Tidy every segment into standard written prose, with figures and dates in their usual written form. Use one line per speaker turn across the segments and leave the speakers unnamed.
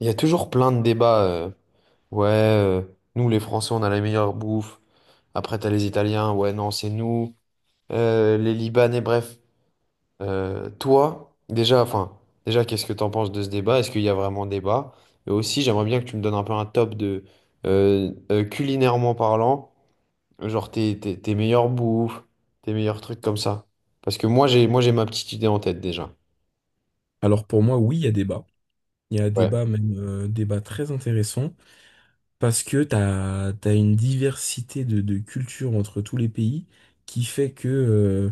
Il y a toujours plein de débats. Ouais, euh, Nous les Français, on a la meilleure bouffe. Après, t'as les Italiens. Ouais, non, c'est nous. Les Libanais, bref. Toi, déjà, enfin, déjà, qu'est-ce que t'en penses de ce débat? Est-ce qu'il y a vraiment débat? Et aussi, j'aimerais bien que tu me donnes un peu un top de culinairement parlant, genre tes meilleures bouffes, tes meilleurs trucs comme ça. Parce que moi j'ai ma petite idée en tête déjà.
Alors pour moi, oui, il y a débat. Il y a
Ouais.
débat, même débat très intéressant, parce que t'as une diversité de cultures entre tous les pays qui fait que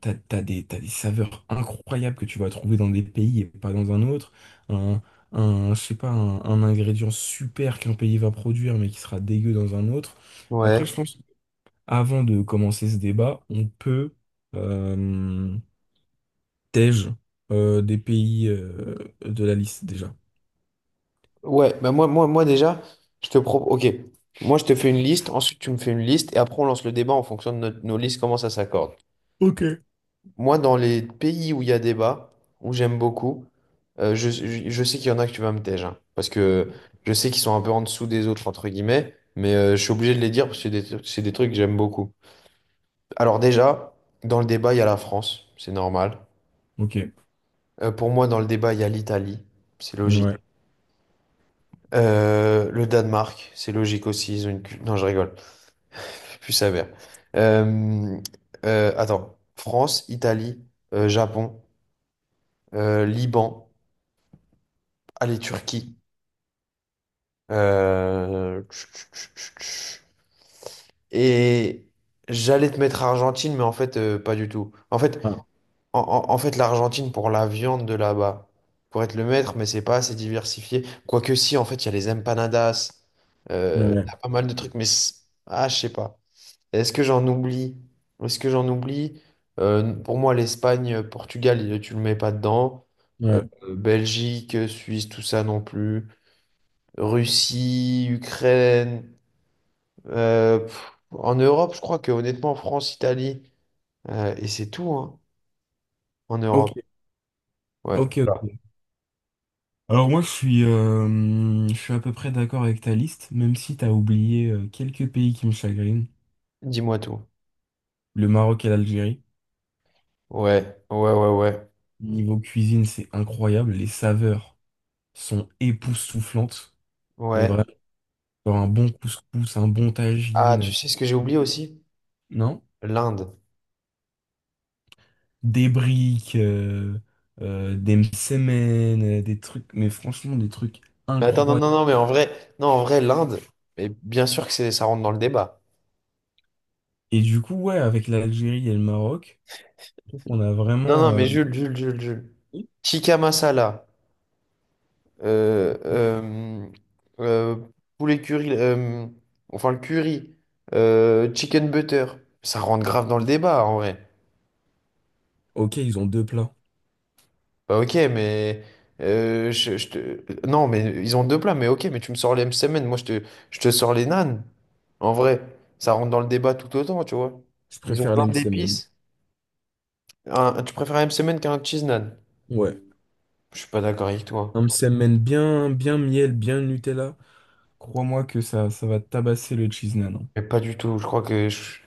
t'as des saveurs incroyables que tu vas trouver dans des pays et pas dans un autre. Un, je sais pas, un ingrédient super qu'un pays va produire mais qui sera dégueu dans un autre.
Ouais.
Après, je pense, avant de commencer ce débat, on peut euh, tège des pays de la liste déjà.
Ouais, bah moi déjà, je te propose. Ok, moi je te fais une liste, ensuite tu me fais une liste, et après on lance le débat en fonction de nos listes, comment ça s'accorde.
Ok.
Moi, dans les pays où il y a débat, où j'aime beaucoup, je sais qu'il y en a que tu vas me tège, hein, parce que je sais qu'ils sont un peu en dessous des autres, entre guillemets, mais je suis obligé de les dire parce que c'est des trucs que j'aime beaucoup. Alors déjà, dans le débat, il y a la France, c'est normal.
Ok,
Pour moi, dans le débat, il y a l'Italie, c'est
ouais.
logique. Le Danemark, c'est logique aussi, ils ont une... Non, je rigole. Plus sévère. Euh, attends, France, Italie, Japon, Liban, allez, Turquie. euh, Et j'allais te mettre Argentine, mais en fait, pas du tout. En fait,
Ah,
l'Argentine pour la viande de là-bas, pour être le maître, mais c'est pas assez diversifié. Quoique si, en fait, il y a les empanadas, il
ouais,
y a pas mal de trucs, mais ah, je sais pas. Est-ce que j'en oublie? Est-ce que j'en oublie? Pour moi, l'Espagne, Portugal, tu le mets pas dedans. Euh,
ouais.
Belgique, Suisse, tout ça non plus. Russie, Ukraine. En Europe, je crois que honnêtement, France, Italie. Et c'est tout, hein, en
Ok,
Europe. Ouais.
ok,
Voilà.
ok. Alors moi, je suis à peu près d'accord avec ta liste, même si t'as oublié quelques pays qui me chagrinent.
Dis-moi tout.
Le Maroc et l'Algérie.
Ouais, ouais, ouais, ouais.
Niveau cuisine, c'est incroyable. Les saveurs sont époustouflantes. Mais
Ouais.
vraiment, genre un bon couscous, un bon
Ah, tu
tagine,
sais ce que j'ai
euh,
oublié aussi?
non?
L'Inde.
Des briques, des msemen, des trucs, mais franchement, des trucs
Mais attends, non,
incroyables.
non, non, mais en vrai, non, en vrai, l'Inde, mais bien sûr que ça rentre dans le débat.
Et du coup, ouais, avec l'Algérie et le Maroc. Je trouve qu'on a
Non,
vraiment.
non, mais Jules, Jules, Jules, Jules. Tikka masala. Euh, euh, euh, poulet curry. Enfin, le curry. Chicken butter. Ça rentre grave dans le débat, en vrai.
Ok, ils ont deux plats.
Bah, ok, mais. Je te... Non, mais ils ont deux plats, mais ok, mais tu me sors les semaine je te sors les nanes. En vrai, ça rentre dans le débat tout autant, tu vois.
Je
Ils ont
préfère
plein
les msemen.
d'épices. Tu préfères un semaine qu'un cheese nan?
Ouais.
Je suis pas d'accord avec toi.
Un msemen bien, bien miel, bien Nutella. Crois-moi que ça va tabasser le cheese naan, hein.
Mais pas du tout, je crois que je-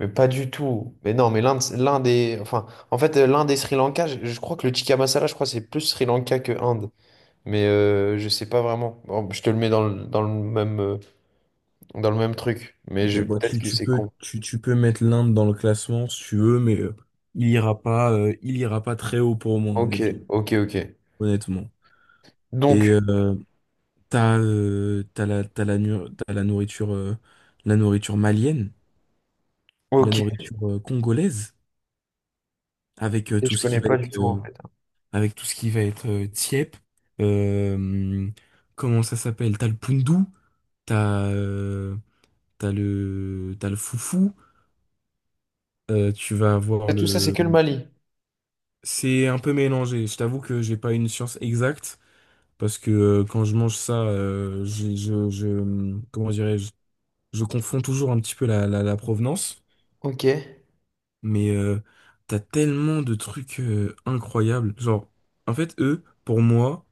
mais pas du tout. Mais non, mais l'un des... Enfin, en fait, l'un des Sri Lanka, je crois que le tikka masala, je crois que c'est plus Sri Lanka que Inde. Mais je sais pas vraiment. Bon, je te le mets dans le même truc. Mais
Ok,
je...
bon,
peut-être
tu,
que
tu
c'est
peux,
con.
tu, tu peux mettre l'Inde dans le classement si tu veux, mais il ira pas très haut pour moi,
Ok,
honnêtement.
ok, ok.
Honnêtement. Et
Donc,
t'as la nourriture malienne, la
ok.
nourriture congolaise, avec
Et je connais pas du tout, en fait.
tout ce qui va être Tiep, euh, comment ça s'appelle? T'as le Poundou, t'as euh, t'as le Foufou, tu vas avoir
Et tout ça, c'est
le.
que le Mali.
C'est un peu mélangé. Je t'avoue que j'ai pas une science exacte parce que quand je mange ça, comment dirais-je? Je confonds toujours un petit peu la provenance,
Ok.
mais t'as tellement de trucs incroyables. Genre, en fait, eux, pour moi.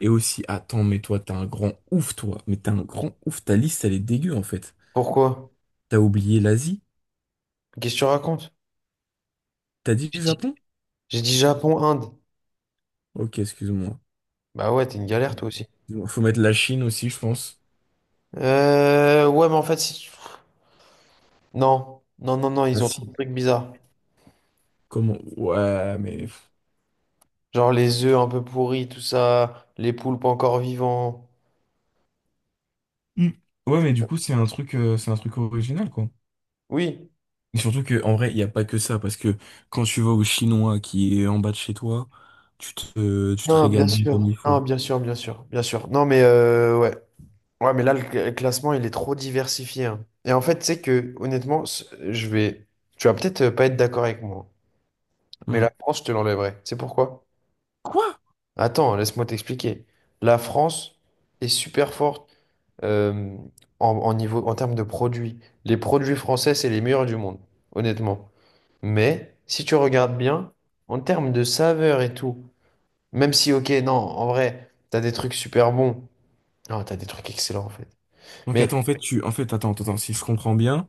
Et aussi, attends, mais toi, t'es un grand ouf, toi. Mais t'es un grand ouf. Ta liste, elle est dégueu, en fait.
Pourquoi?
T'as oublié l'Asie?
Qu'est-ce que tu racontes?
T'as dit le
J'ai dit,
Japon?
j'ai dit Japon, Inde.
Ok, excuse-moi.
Bah ouais, t'es une galère, toi aussi.
Excuse-moi. Faut mettre la Chine aussi, je pense.
Ouais, mais en fait, si... Non, non, non, non,
Ah
ils ont trop de
si.
trucs bizarres.
Comment? Ouais, mais...
Genre les œufs un peu pourris, tout ça, les poulpes encore vivants.
Hmm. Ouais, mais du coup, c'est un truc original, quoi.
Oui.
Et surtout que, en vrai, il n'y a pas que ça, parce que quand tu vas au Chinois qui est en bas de chez toi, tu te
Non, bien
régales bien comme
sûr.
il
Non,
faut.
bien sûr, bien sûr, bien sûr. Non, mais ouais. Ouais, mais là, le classement, il est trop diversifié, hein. Et en fait, tu sais que, honnêtement, je vais. Tu vas peut-être pas être d'accord avec moi, hein. Mais
Hmm.
la France, je te l'enlèverai. Tu sais pourquoi?
Quoi?
Attends, laisse-moi t'expliquer. La France est super forte euh, en niveau, en termes de produits. Les produits français, c'est les meilleurs du monde, honnêtement. Mais si tu regardes bien, en termes de saveur et tout, même si, ok, non, en vrai, t'as des trucs super bons. Non, t'as des trucs excellents en fait.
Donc
Mais
attends, en fait, en fait, attends, attends, attends, si je comprends bien.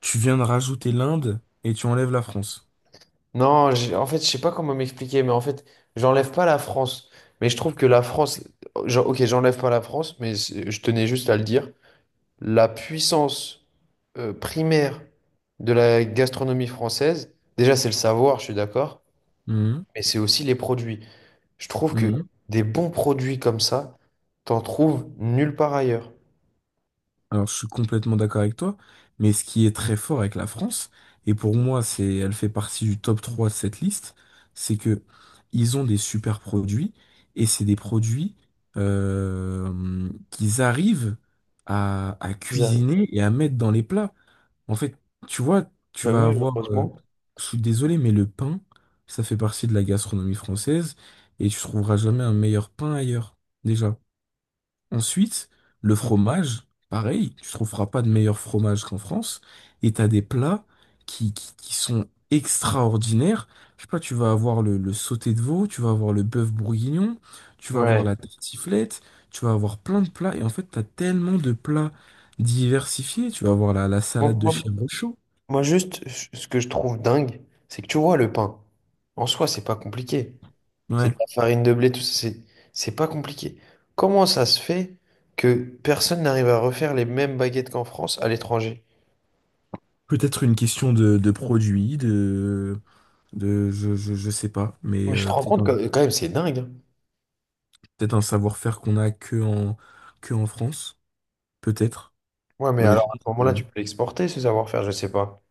Tu viens de rajouter l'Inde et tu enlèves la France.
non, en fait, je sais pas comment m'expliquer, mais en fait, j'enlève pas la France. Mais je trouve que la France, genre, ok, j'enlève pas la France, mais je tenais juste à le dire. La puissance primaire de la gastronomie française, déjà, c'est le savoir, je suis d'accord,
Mhm,
mais c'est aussi les produits. Je trouve que
mhm.
des bons produits comme ça, t'en trouves nulle part ailleurs.
Alors, je suis complètement d'accord avec toi, mais ce qui est très fort avec la France, et pour moi, c'est, elle fait partie du top 3 de cette liste, c'est que ils ont des super produits, et c'est des produits qu'ils arrivent à
Ils arrivent.
cuisiner et à mettre dans les plats. En fait, tu vois, tu
Bah
vas
oui,
avoir,
heureusement.
je suis désolé, mais le pain, ça fait partie de la gastronomie française et tu trouveras jamais un meilleur pain ailleurs, déjà. Ensuite, le fromage, pareil, tu trouveras pas de meilleur fromage qu'en France et t'as des plats qui sont extraordinaires. Je sais pas, tu vas avoir le sauté de veau, tu vas avoir le bœuf bourguignon, tu vas avoir
Ouais.
la tartiflette, tu vas avoir plein de plats et en fait, t'as tellement de plats diversifiés, tu vas avoir la
Moi,
salade de
moi-
chèvre.
Moi, juste, ce que je trouve dingue, c'est que tu vois, le pain, en soi, c'est pas compliqué. C'est
Ouais.
de la farine de blé, tout ça, c'est pas compliqué. Comment ça se fait que personne n'arrive à refaire les mêmes baguettes qu'en France à l'étranger?
Peut-être une question de produit, de je sais pas, mais
Mais je te rends compte que quand même, c'est dingue, hein.
peut-être un savoir-faire qu'on a que en France, peut-être.
Ouais, mais alors à
Honnêtement,
ce moment-là, tu peux l'exporter, ce savoir-faire, je sais pas.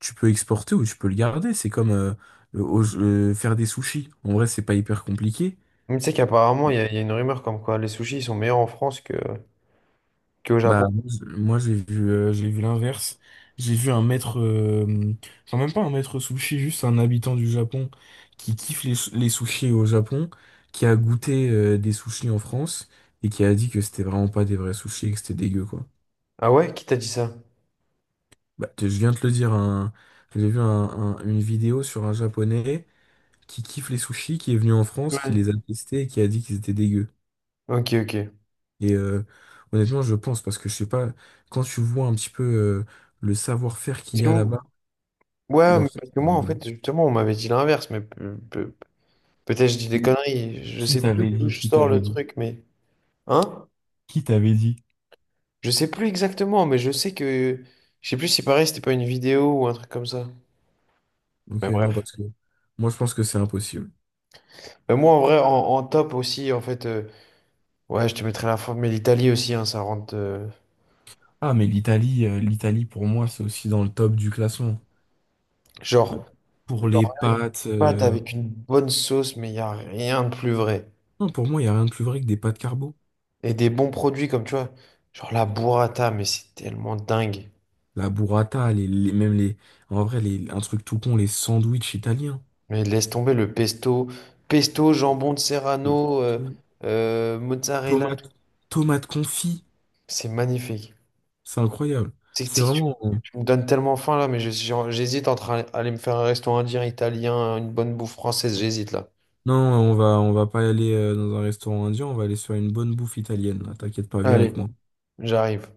tu peux exporter ou tu peux le garder. C'est comme faire des sushis. En vrai, c'est pas hyper compliqué.
Mais tu sais qu'apparemment, il y a une rumeur comme quoi les sushis ils sont meilleurs en France que. Que au
Bah,
Japon.
moi, j'ai vu l'inverse. J'ai vu un maître, genre même pas un maître sushi, juste un habitant du Japon qui kiffe les sushis au Japon, qui a goûté, des sushis en France et qui a dit que c'était vraiment pas des vrais sushis et que c'était dégueu, quoi.
Ah ouais? Qui t'a dit ça?
Bah, je viens de te le dire, j'ai vu une vidéo sur un Japonais qui kiffe les sushis, qui est venu en France, qui les
Ouais.
a testés et qui a dit qu'ils étaient dégueux.
Ok, ok.
Et honnêtement, je pense, parce que je sais pas, quand tu vois un petit peu le savoir-faire qu'il
Parce
y
que
a
m-
là-bas,
ouais,
genre,
mais parce que moi, en
c'est-
fait, justement, on m'avait dit l'inverse, mais peut-être je dis des conneries. Je
Qui
sais plus
t'avait
d'où
dit?
je
Qui
sors
t'avait
le
dit?
truc, mais. Hein?
Qui t'avait dit?
Je sais plus exactement, mais je sais que. Je sais plus si pareil, c'était pas une vidéo ou un truc comme ça.
Ok,
Mais
non,
bref.
parce que moi, je pense que c'est impossible.
Mais moi, en vrai, en, en top aussi, en fait, ouais, je te mettrais la forme, mais l'Italie aussi, hein, ça rentre.
Ah, mais l'Italie, pour moi, c'est aussi dans le top du classement.
Genre,
Pour les
genre, une
pâtes,
pâte avec une bonne sauce, mais il n'y a rien de plus vrai.
non, pour moi, il n'y a rien de plus vrai que des pâtes carbo.
Et des bons produits comme tu vois, genre la burrata, mais c'est tellement dingue.
La burrata, même les, en vrai, les, un truc tout con, les sandwichs italiens.
Mais laisse tomber le pesto, pesto, jambon de
Les
Serrano,
to-
mozzarella,
tomates, tomates confits.
c'est magnifique.
C'est incroyable.
C'est
C'est
c'est que tu,
vraiment,
Tu me donnes tellement faim là, mais j'hésite entre aller me faire un restaurant indien, italien, une bonne bouffe française, j'hésite là.
non, on va pas aller dans un restaurant indien, on va aller sur une bonne bouffe italienne, là. T'inquiète pas, viens avec
Allez,
moi.
j'arrive.